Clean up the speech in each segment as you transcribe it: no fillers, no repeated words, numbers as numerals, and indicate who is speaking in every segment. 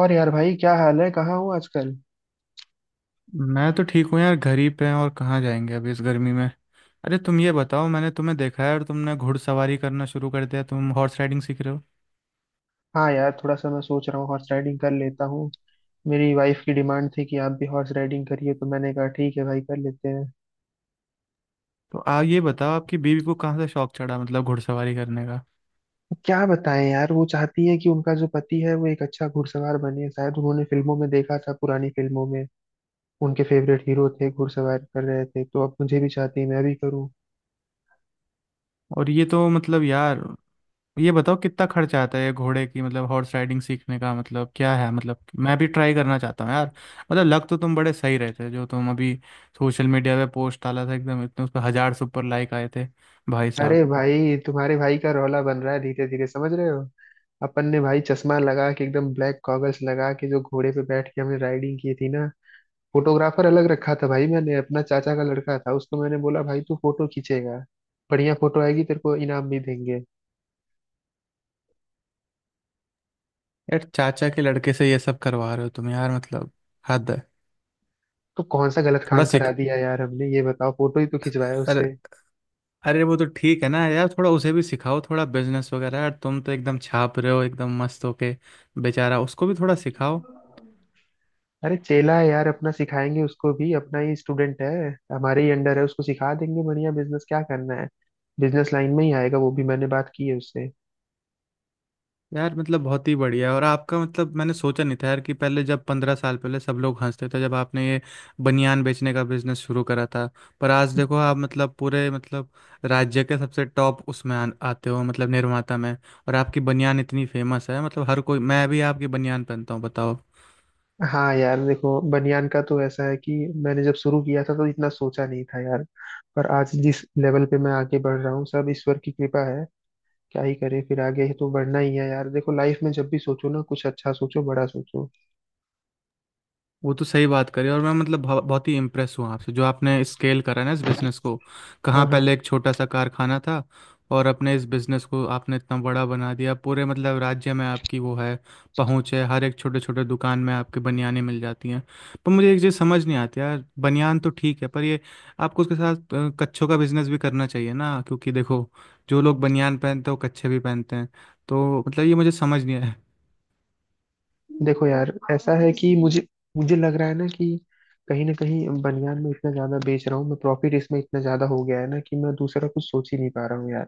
Speaker 1: और यार भाई क्या हाल है, कहाँ हूँ आजकल।
Speaker 2: मैं तो ठीक हूँ यार। घर ही पे हैं, और कहाँ जाएंगे अभी इस गर्मी में। अरे तुम ये बताओ, मैंने तुम्हें देखा है और तुमने घुड़सवारी करना शुरू कर दिया, तुम हॉर्स राइडिंग सीख रहे हो।
Speaker 1: हाँ यार थोड़ा सा मैं सोच रहा हूँ हॉर्स राइडिंग कर लेता हूँ। मेरी वाइफ की डिमांड थी कि आप भी हॉर्स राइडिंग करिए, तो मैंने कहा ठीक है भाई कर लेते हैं।
Speaker 2: तो आप ये बताओ आपकी बीवी को कहाँ से शौक चढ़ा, मतलब घुड़सवारी करने का।
Speaker 1: क्या बताएं यार, वो चाहती है कि उनका जो पति है वो एक अच्छा घुड़सवार बने। शायद उन्होंने फिल्मों में देखा था, पुरानी फिल्मों में उनके फेवरेट हीरो थे घुड़सवार कर रहे थे, तो अब मुझे भी चाहती है मैं भी करूँ।
Speaker 2: और ये तो मतलब यार, ये बताओ कितना खर्च आता है ये घोड़े की, मतलब हॉर्स राइडिंग सीखने का, मतलब क्या है? मतलब मैं भी ट्राई करना चाहता हूँ यार। मतलब लग तो तुम बड़े सही रहे थे, जो तुम अभी सोशल मीडिया पे पोस्ट डाला था, एकदम इतने उस पर हजार सुपर लाइक आए थे भाई साहब।
Speaker 1: अरे भाई, तुम्हारे भाई का रौला बन रहा है धीरे धीरे, समझ रहे हो। अपन ने भाई चश्मा लगा के, एकदम ब्लैक गॉगल्स लगा के जो घोड़े पे बैठ के हमने राइडिंग की थी ना, फोटोग्राफर अलग रखा था भाई मैंने। अपना चाचा का लड़का था, उसको मैंने बोला भाई तू फोटो खींचेगा, बढ़िया फोटो आएगी तेरे को इनाम भी देंगे।
Speaker 2: यार चाचा के लड़के से ये सब करवा रहे हो तुम, यार मतलब हद है।
Speaker 1: तो कौन सा गलत
Speaker 2: थोड़ा
Speaker 1: काम करा
Speaker 2: सीख,
Speaker 1: दिया यार हमने, ये बताओ, फोटो ही तो खिंचवाया
Speaker 2: अरे,
Speaker 1: उससे।
Speaker 2: अरे वो तो ठीक है ना यार, थोड़ा उसे भी सिखाओ थोड़ा बिजनेस वगैरह। यार तुम तो एकदम छाप रहे हो एकदम मस्त होके। बेचारा उसको भी थोड़ा सिखाओ।
Speaker 1: अरे चेला है यार अपना, सिखाएंगे उसको भी, अपना ही स्टूडेंट है, हमारे ही अंडर है, उसको सिखा देंगे बढ़िया बिजनेस क्या करना है। बिजनेस लाइन में ही आएगा वो भी, मैंने बात की है उससे।
Speaker 2: यार मतलब बहुत ही बढ़िया। और आपका मतलब मैंने सोचा नहीं था यार, कि पहले जब 15 साल पहले सब लोग हंसते थे जब आपने ये बनियान बेचने का बिजनेस शुरू करा था। पर आज देखो आप मतलब पूरे मतलब राज्य के सबसे टॉप उसमें आते हो, मतलब निर्माता में। और आपकी बनियान इतनी फेमस है, मतलब हर कोई, मैं भी आपकी बनियान पहनता हूँ बताओ।
Speaker 1: हाँ यार देखो, बनियान का तो ऐसा है कि मैंने जब शुरू किया था तो इतना सोचा नहीं था यार, पर आज जिस लेवल पे मैं आगे बढ़ रहा हूँ सब ईश्वर की कृपा है। क्या ही करे, फिर आगे ही तो बढ़ना ही है यार। देखो लाइफ में जब भी सोचो ना, कुछ अच्छा सोचो, बड़ा सोचो।
Speaker 2: वो तो सही बात करी, और मैं मतलब बहुत ही इम्प्रेस हुआ आपसे, जो आपने स्केल करा ना इस बिजनेस को। कहाँ
Speaker 1: हाँ हाँ।
Speaker 2: पहले एक छोटा सा कारखाना था और अपने इस बिजनेस को आपने इतना बड़ा बना दिया, पूरे मतलब राज्य में आपकी वो है पहुँच है, हर एक छोटे छोटे दुकान में आपके बनियानें मिल जाती हैं। पर मुझे एक चीज़ समझ नहीं आती यार, बनियान तो ठीक है पर ये आपको उसके साथ कच्छों का बिजनेस भी करना चाहिए ना, क्योंकि देखो जो लोग बनियान पहनते हैं वो कच्छे भी पहनते हैं। तो मतलब ये मुझे समझ नहीं आया।
Speaker 1: देखो यार ऐसा है कि मुझे मुझे लग रहा है ना कि कहीं ना कहीं बनियान में इतना ज्यादा बेच रहा हूँ मैं, प्रॉफिट इसमें इतना ज्यादा हो गया है ना कि मैं दूसरा कुछ सोच ही नहीं पा रहा हूँ यार।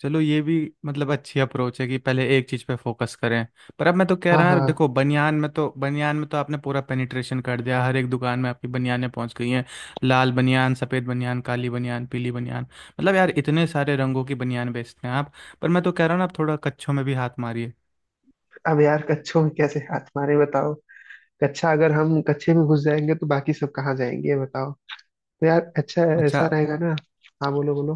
Speaker 2: चलो ये भी मतलब अच्छी अप्रोच है कि पहले एक चीज पे फोकस करें। पर अब मैं तो कह
Speaker 1: हाँ
Speaker 2: रहा हूँ यार,
Speaker 1: हाँ।
Speaker 2: देखो बनियान में तो आपने पूरा पेनिट्रेशन कर दिया, हर एक दुकान में आपकी बनियानें पहुंच गई हैं। लाल बनियान, सफ़ेद बनियान, काली बनियान, पीली बनियान, मतलब यार इतने सारे रंगों की बनियान बेचते हैं आप। पर मैं तो कह रहा हूँ ना, आप थोड़ा कच्छों में भी हाथ मारिए।
Speaker 1: अब यार कच्छों में कैसे हाथ मारे बताओ। कच्छा, अगर हम कच्छे में घुस जाएंगे तो बाकी सब कहाँ जाएंगे, ये बताओ। तो यार अच्छा
Speaker 2: अच्छा,
Speaker 1: ऐसा रहेगा ना। हाँ बोलो बोलो।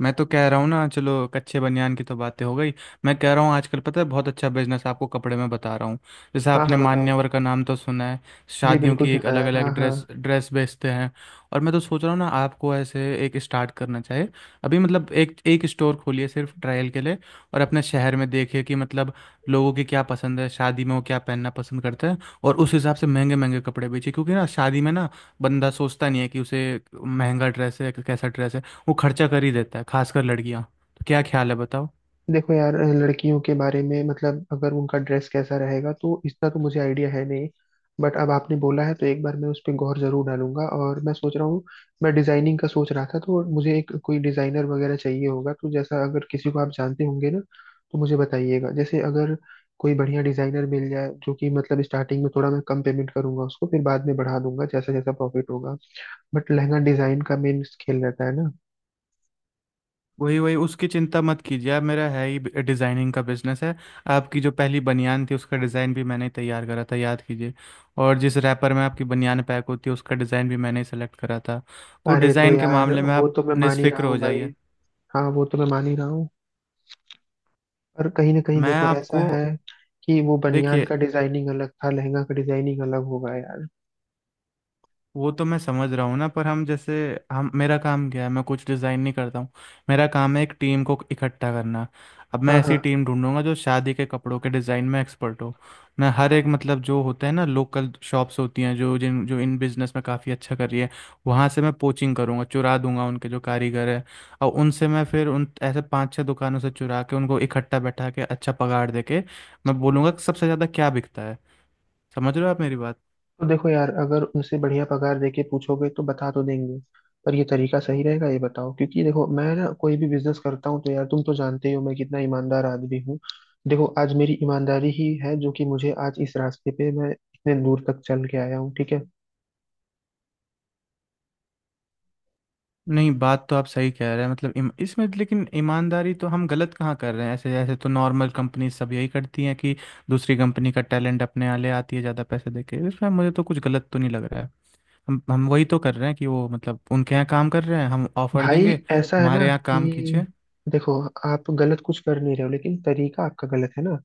Speaker 2: मैं तो कह रहा हूँ ना, चलो कच्चे बनियान की तो बातें हो गई। मैं कह रहा हूँ आजकल पता है बहुत अच्छा बिजनेस आपको कपड़े में बता रहा हूँ। जैसे
Speaker 1: हाँ
Speaker 2: आपने
Speaker 1: हाँ बताओ।
Speaker 2: मान्यवर का नाम तो सुना है,
Speaker 1: जी
Speaker 2: शादियों
Speaker 1: बिल्कुल
Speaker 2: की एक
Speaker 1: सुना
Speaker 2: अलग
Speaker 1: है,
Speaker 2: अलग
Speaker 1: हाँ हाँ।
Speaker 2: ड्रेस ड्रेस बेचते हैं। और मैं तो सोच रहा हूँ ना आपको ऐसे एक स्टार्ट करना चाहिए। अभी मतलब एक एक स्टोर खोलिए सिर्फ ट्रायल के लिए, और अपने शहर में देखिए कि मतलब लोगों की क्या पसंद है, शादी में वो क्या पहनना पसंद करते हैं, और उस हिसाब से महंगे महंगे कपड़े बेचिए। क्योंकि ना शादी में ना बंदा सोचता नहीं है कि उसे महंगा ड्रेस है कैसा ड्रेस है, वो खर्चा कर ही देता है, खासकर लड़कियां। तो क्या ख्याल है बताओ।
Speaker 1: देखो यार, लड़कियों के बारे में मतलब अगर उनका ड्रेस कैसा रहेगा तो इतना तो मुझे आइडिया है नहीं, बट अब आपने बोला है तो एक बार मैं उस पर गौर जरूर डालूंगा। और मैं सोच रहा हूँ, मैं डिजाइनिंग का सोच रहा था, तो मुझे एक कोई डिजाइनर वगैरह चाहिए होगा, तो जैसा अगर किसी को आप जानते होंगे ना तो मुझे बताइएगा। जैसे अगर कोई बढ़िया डिजाइनर मिल जाए जो कि मतलब स्टार्टिंग में थोड़ा मैं कम पेमेंट करूंगा उसको, फिर बाद में बढ़ा दूंगा जैसा जैसा प्रॉफिट होगा। बट लहंगा डिजाइन का मेन खेल रहता है ना।
Speaker 2: वही वही उसकी चिंता मत कीजिए आप, मेरा है ही डिज़ाइनिंग का बिजनेस है। आपकी जो पहली बनियान थी उसका डिज़ाइन भी मैंने ही तैयार करा था, याद कीजिए। और जिस रैपर में आपकी बनियान पैक होती है उसका डिज़ाइन भी मैंने ही सेलेक्ट करा था। तो
Speaker 1: अरे तो
Speaker 2: डिज़ाइन के
Speaker 1: यार,
Speaker 2: मामले में
Speaker 1: वो
Speaker 2: आप
Speaker 1: तो मैं मान ही रहा
Speaker 2: निस्फिक्र
Speaker 1: हूँ
Speaker 2: हो
Speaker 1: भाई।
Speaker 2: जाइए।
Speaker 1: हाँ वो तो मैं मान ही रहा हूँ, पर कहीं ना कहीं
Speaker 2: मैं
Speaker 1: देखो ऐसा
Speaker 2: आपको
Speaker 1: है कि वो बनियान
Speaker 2: देखिए,
Speaker 1: का डिजाइनिंग अलग था, लहंगा का डिजाइनिंग अलग होगा यार।
Speaker 2: वो तो मैं समझ रहा हूँ ना, पर हम जैसे, हम मेरा काम क्या है, मैं कुछ डिज़ाइन नहीं करता हूँ। मेरा काम है एक टीम को इकट्ठा करना। अब मैं
Speaker 1: हाँ
Speaker 2: ऐसी
Speaker 1: हाँ।
Speaker 2: टीम ढूंढूंगा जो शादी के कपड़ों के डिज़ाइन में एक्सपर्ट हो। मैं हर एक मतलब, जो होता है ना लोकल शॉप्स होती हैं, जो इन बिजनेस में काफ़ी अच्छा कर रही है, वहाँ से मैं पोचिंग करूँगा, चुरा दूंगा उनके जो कारीगर है। और उनसे मैं फिर उन ऐसे पांच छह दुकानों से चुरा के उनको इकट्ठा बैठा के अच्छा पगार दे के मैं बोलूँगा कि सबसे ज़्यादा क्या बिकता है। समझ रहे हो आप मेरी बात।
Speaker 1: तो देखो यार, अगर उनसे बढ़िया पगार देके पूछोगे तो बता तो देंगे, पर ये तरीका सही रहेगा ये बताओ। क्योंकि देखो मैं ना कोई भी बिजनेस करता हूँ तो यार, तुम तो जानते ही हो मैं कितना ईमानदार आदमी हूँ। देखो, आज मेरी ईमानदारी ही है जो कि मुझे आज इस रास्ते पे मैं इतने दूर तक चल के आया हूँ, ठीक है।
Speaker 2: नहीं बात तो आप सही कह रहे हैं, मतलब इसमें लेकिन ईमानदारी तो हम गलत कहाँ कर रहे हैं? ऐसे ऐसे तो नॉर्मल कंपनी सब यही करती हैं कि दूसरी कंपनी का टैलेंट अपने यहाँ ले आती है ज़्यादा पैसे देके। इसमें मुझे तो कुछ गलत तो नहीं लग रहा है। हम वही तो कर रहे हैं कि वो मतलब उनके यहाँ काम कर रहे हैं, हम ऑफर देंगे
Speaker 1: भाई ऐसा है ना
Speaker 2: हमारे यहाँ काम कीजिए।
Speaker 1: कि देखो, आप गलत कुछ कर नहीं रहे हो, लेकिन तरीका आपका गलत है ना।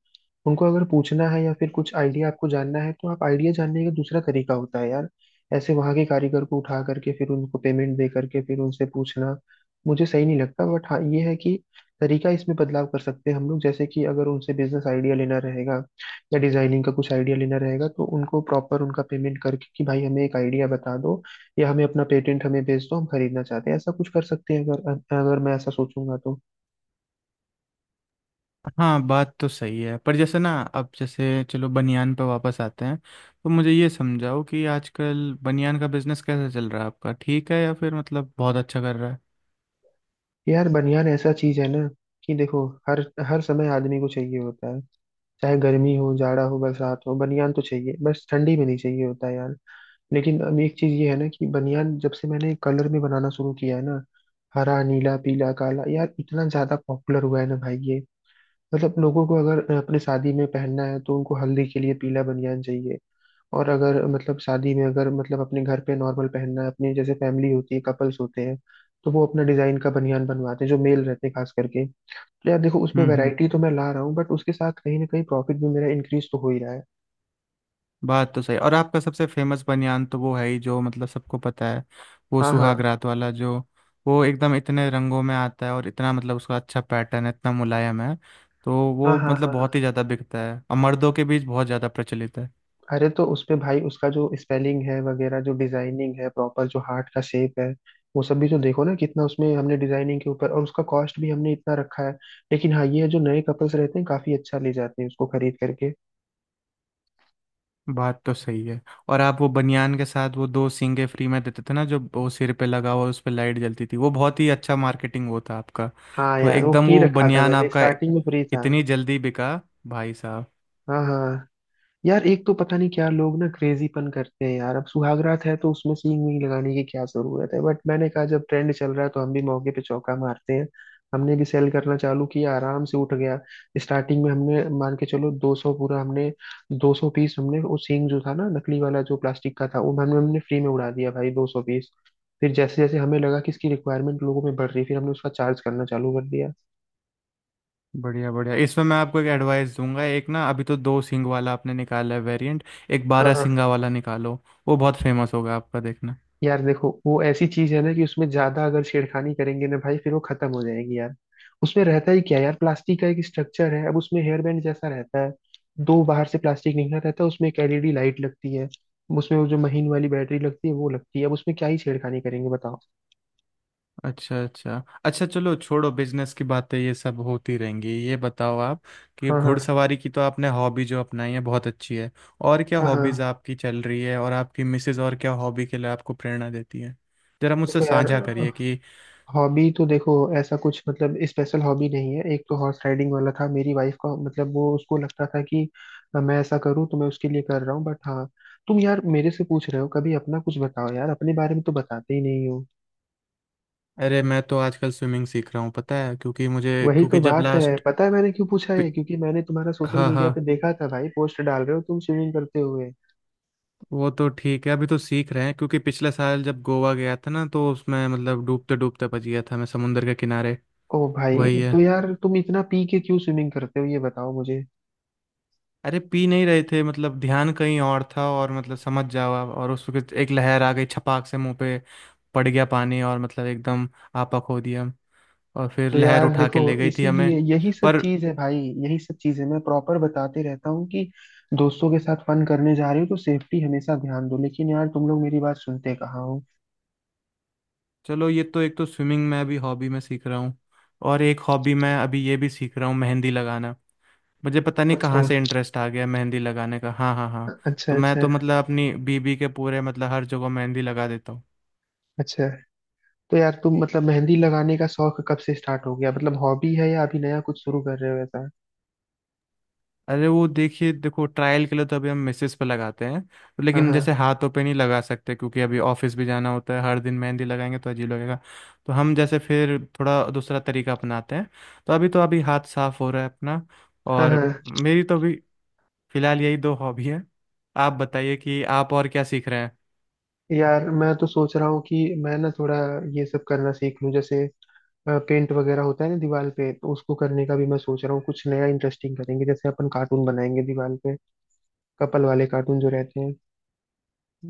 Speaker 1: उनको अगर पूछना है या फिर कुछ आइडिया आपको जानना है, तो आप आइडिया जानने का दूसरा तरीका होता है यार। ऐसे वहां के कारीगर को उठा करके फिर उनको पेमेंट दे करके फिर उनसे पूछना मुझे सही नहीं लगता। बट हाँ, ये है कि तरीका इसमें बदलाव कर सकते हैं हम लोग। जैसे कि अगर उनसे बिजनेस आइडिया लेना रहेगा या डिजाइनिंग का कुछ आइडिया लेना रहेगा, तो उनको प्रॉपर उनका पेमेंट करके कि भाई हमें एक आइडिया बता दो, या हमें अपना पेटेंट हमें भेज दो हम खरीदना चाहते हैं, ऐसा कुछ कर सकते हैं अगर अगर मैं ऐसा सोचूंगा तो।
Speaker 2: हाँ बात तो सही है, पर जैसे ना अब जैसे चलो बनियान पे वापस आते हैं। तो मुझे ये समझाओ कि आजकल बनियान का बिजनेस कैसे चल रहा है आपका, ठीक है या फिर मतलब बहुत अच्छा कर रहा है।
Speaker 1: यार बनियान ऐसा चीज है ना कि देखो हर हर समय आदमी को चाहिए होता है। चाहे गर्मी हो, जाड़ा हो, बरसात हो, बनियान तो चाहिए, बस ठंडी में नहीं चाहिए होता है यार। लेकिन अब एक चीज ये है ना कि बनियान जब से मैंने कलर में बनाना शुरू किया है ना, हरा नीला पीला काला, यार इतना ज्यादा पॉपुलर हुआ है ना भाई ये। मतलब लोगों को अगर अपने शादी में पहनना है तो उनको हल्दी के लिए पीला बनियान चाहिए। और अगर मतलब शादी में, अगर मतलब अपने घर पे नॉर्मल पहनना है, अपनी जैसे फैमिली होती है, कपल्स होते हैं, तो वो अपना डिजाइन का बनियान बनवाते हैं जो मेल रहते हैं खास करके। तो यार देखो, उसमें
Speaker 2: हम्म,
Speaker 1: वैरायटी तो मैं ला रहा हूँ, बट उसके साथ कहीं ना कहीं प्रॉफिट भी मेरा इंक्रीज तो हो ही रहा है।
Speaker 2: बात तो सही। और आपका सबसे फेमस बनियान तो वो है ही, जो मतलब सबको पता है, वो
Speaker 1: हाँ हाँ
Speaker 2: सुहाग रात वाला जो, वो एकदम इतने रंगों में आता है और इतना मतलब उसका अच्छा पैटर्न है, इतना मुलायम है। तो
Speaker 1: हाँ
Speaker 2: वो
Speaker 1: हाँ।
Speaker 2: मतलब
Speaker 1: हाँ हाँ।
Speaker 2: बहुत ही ज़्यादा बिकता है और मर्दों के बीच बहुत ज़्यादा प्रचलित है।
Speaker 1: अरे तो उस पे भाई, उसका जो स्पेलिंग है वगैरह, जो डिजाइनिंग है प्रॉपर, जो हार्ट का शेप है, वो सब भी तो देखो ना कितना उसमें हमने डिजाइनिंग के ऊपर, और उसका कॉस्ट भी हमने इतना रखा है। लेकिन हाँ ये है, जो नए कपल्स रहते हैं काफी अच्छा ले जाते हैं उसको खरीद करके।
Speaker 2: बात तो सही है। और आप वो बनियान के साथ वो 2 सींगे फ्री में देते थे ना, जो वो सिर पे लगा हुआ उस पे लाइट जलती थी, वो बहुत ही अच्छा मार्केटिंग वो था आपका।
Speaker 1: हाँ
Speaker 2: तो
Speaker 1: यार वो
Speaker 2: एकदम
Speaker 1: फ्री
Speaker 2: वो
Speaker 1: रखा था
Speaker 2: बनियान
Speaker 1: मैंने,
Speaker 2: आपका
Speaker 1: स्टार्टिंग में फ्री था।
Speaker 2: इतनी जल्दी बिका भाई साहब।
Speaker 1: हाँ हाँ। यार एक तो पता नहीं क्या लोग ना क्रेजीपन करते हैं यार। अब सुहागरात है तो उसमें सींग वींग लगाने की क्या जरूरत है, बट मैंने कहा जब ट्रेंड चल रहा है तो हम भी मौके पे चौका मारते हैं। हमने भी सेल करना चालू किया, आराम से उठ गया। स्टार्टिंग में हमने मान के चलो 200 पूरा हमने, 200 पीस, हमने वो सींग जो था ना नकली वाला जो प्लास्टिक का था वो हमने हमने फ्री में उड़ा दिया भाई, 200 पीस। फिर जैसे जैसे हमें लगा कि इसकी रिक्वायरमेंट लोगों में बढ़ रही, फिर हमने उसका चार्ज करना चालू कर दिया।
Speaker 2: बढ़िया बढ़िया, इसमें मैं आपको एक एडवाइस दूंगा। एक ना अभी तो 2 सिंग वाला आपने निकाला है वेरिएंट, एक
Speaker 1: हाँ
Speaker 2: बारह
Speaker 1: हाँ।
Speaker 2: सिंगा वाला निकालो, वो बहुत फेमस होगा आपका देखना।
Speaker 1: यार देखो वो ऐसी चीज है ना कि उसमें ज्यादा अगर छेड़खानी करेंगे ना भाई, फिर वो खत्म हो जाएगी यार। उसमें रहता ही क्या यार, प्लास्टिक का एक स्ट्रक्चर है, अब उसमें हेयर बैंड जैसा रहता है, दो बाहर से प्लास्टिक निकला रहता है, उसमें एक एलईडी लाइट लगती है, उसमें वो जो महीन वाली बैटरी लगती है वो लगती है, अब उसमें क्या ही छेड़खानी करेंगे बताओ।
Speaker 2: अच्छा अच्छा। अच्छा चलो छोड़ो बिजनेस की बातें, ये सब होती रहेंगी। ये बताओ आप, कि
Speaker 1: हाँ हाँ
Speaker 2: घुड़सवारी की तो आपने हॉबी जो अपनाई है बहुत अच्छी है, और क्या
Speaker 1: हाँ हाँ।
Speaker 2: हॉबीज आपकी चल रही है, और आपकी मिसेज और क्या हॉबी के लिए आपको प्रेरणा देती है, जरा मुझसे
Speaker 1: देखो यार,
Speaker 2: साझा करिए कि।
Speaker 1: हॉबी तो देखो ऐसा कुछ मतलब स्पेशल हॉबी नहीं है। एक तो हॉर्स राइडिंग वाला था मेरी वाइफ का, मतलब वो उसको लगता था कि मैं ऐसा करूं, तो मैं उसके लिए कर रहा हूं। बट हाँ, तुम यार मेरे से पूछ रहे हो, कभी अपना कुछ बताओ यार, अपने बारे में तो बताते ही नहीं हो।
Speaker 2: अरे मैं तो आजकल स्विमिंग सीख रहा हूँ पता है, क्योंकि मुझे,
Speaker 1: वही तो
Speaker 2: क्योंकि जब
Speaker 1: बात है,
Speaker 2: लास्ट,
Speaker 1: पता है मैंने क्यों पूछा है, क्योंकि मैंने तुम्हारा सोशल
Speaker 2: हाँ
Speaker 1: मीडिया पे
Speaker 2: हाँ,
Speaker 1: देखा था भाई, पोस्ट डाल रहे हो तुम स्विमिंग करते हुए।
Speaker 2: वो तो ठीक है, अभी तो सीख रहे हैं। क्योंकि पिछले साल जब गोवा गया था ना, तो उसमें मतलब डूबते डूबते बच गया था मैं समुंदर के किनारे।
Speaker 1: ओ भाई,
Speaker 2: वही है।
Speaker 1: तो यार तुम इतना पी के क्यों स्विमिंग करते हो ये बताओ मुझे।
Speaker 2: अरे पी नहीं रहे थे, मतलब ध्यान कहीं और था, और मतलब समझ जाओ आप, और उस वक्त एक लहर आ गई, छपाक से मुंह पे पड़ गया पानी, और मतलब एकदम आपा खो दिया। और फिर
Speaker 1: तो
Speaker 2: लहर
Speaker 1: यार
Speaker 2: उठा के
Speaker 1: देखो,
Speaker 2: ले गई थी हमें।
Speaker 1: इसीलिए यही सब
Speaker 2: पर
Speaker 1: चीज है भाई। यही सब चीज है, मैं प्रॉपर बताते रहता हूँ कि दोस्तों के साथ फन करने जा रहे हो तो सेफ्टी हमेशा ध्यान दो, लेकिन यार तुम लोग मेरी बात सुनते कहाँ हो।
Speaker 2: चलो, ये तो एक तो स्विमिंग में अभी हॉबी में सीख रहा हूँ, और एक हॉबी मैं अभी ये भी सीख रहा हूँ मेहंदी लगाना। मुझे पता नहीं
Speaker 1: अच्छा
Speaker 2: कहाँ से इंटरेस्ट आ गया मेहंदी लगाने का। हाँ हाँ हाँ,
Speaker 1: अच्छा।
Speaker 2: तो मैं
Speaker 1: अच्छा
Speaker 2: तो मतलब अपनी बीबी के पूरे मतलब हर जगह मेहंदी लगा देता हूँ।
Speaker 1: अच्छा। तो यार तुम मतलब मेहंदी लगाने का शौक कब से स्टार्ट हो गया, मतलब हॉबी है या अभी नया कुछ शुरू कर रहे हो ऐसा।
Speaker 2: अरे वो देखिए, देखो ट्रायल के लिए तो अभी हम मिसेस पे लगाते हैं, तो
Speaker 1: हाँ
Speaker 2: लेकिन
Speaker 1: हाँ
Speaker 2: जैसे हाथों पे नहीं लगा सकते क्योंकि अभी ऑफिस भी जाना होता है, हर दिन मेहंदी लगाएंगे तो अजीब लगेगा। तो हम जैसे फिर थोड़ा दूसरा तरीका अपनाते हैं। तो अभी हाथ साफ हो रहा है अपना।
Speaker 1: हाँ
Speaker 2: और
Speaker 1: हाँ।
Speaker 2: मेरी तो अभी फिलहाल यही 2 हॉबी है। आप बताइए कि आप और क्या सीख रहे हैं।
Speaker 1: यार मैं तो सोच रहा हूँ कि मैं ना थोड़ा ये सब करना सीख लूँ, जैसे पेंट वगैरह होता है ना दीवार पे, तो उसको करने का भी मैं सोच रहा हूँ। कुछ नया इंटरेस्टिंग करेंगे, जैसे अपन कार्टून बनाएंगे दीवार पे, कपल वाले कार्टून जो रहते हैं।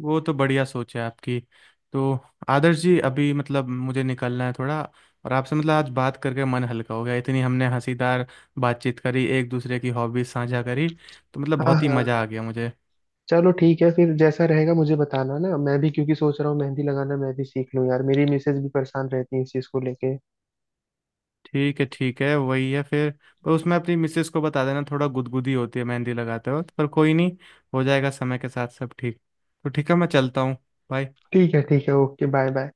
Speaker 2: वो तो बढ़िया सोच है आपकी। तो आदर्श जी अभी मतलब मुझे निकलना है थोड़ा, और आपसे मतलब आज बात करके मन हल्का हो गया, इतनी हमने हंसीदार बातचीत करी, एक दूसरे की हॉबीज साझा करी, तो मतलब
Speaker 1: हाँ
Speaker 2: बहुत ही
Speaker 1: हाँ।
Speaker 2: मज़ा आ गया मुझे।
Speaker 1: चलो ठीक है, फिर जैसा रहेगा मुझे बताना ना, मैं भी क्योंकि सोच रहा हूँ मेहंदी लगाना मैं भी सीख लूँ यार, मेरी मिसेज भी परेशान रहती है इस चीज़ को लेके।
Speaker 2: ठीक है ठीक है, वही है फिर। पर उसमें अपनी मिसेस को बता देना थोड़ा गुदगुदी होती है मेहंदी लगाते वक्त, पर कोई नहीं, हो जाएगा समय के साथ सब ठीक। तो ठीक है, मैं चलता हूँ। बाय।
Speaker 1: ठीक है ठीक है, ओके बाय बाय।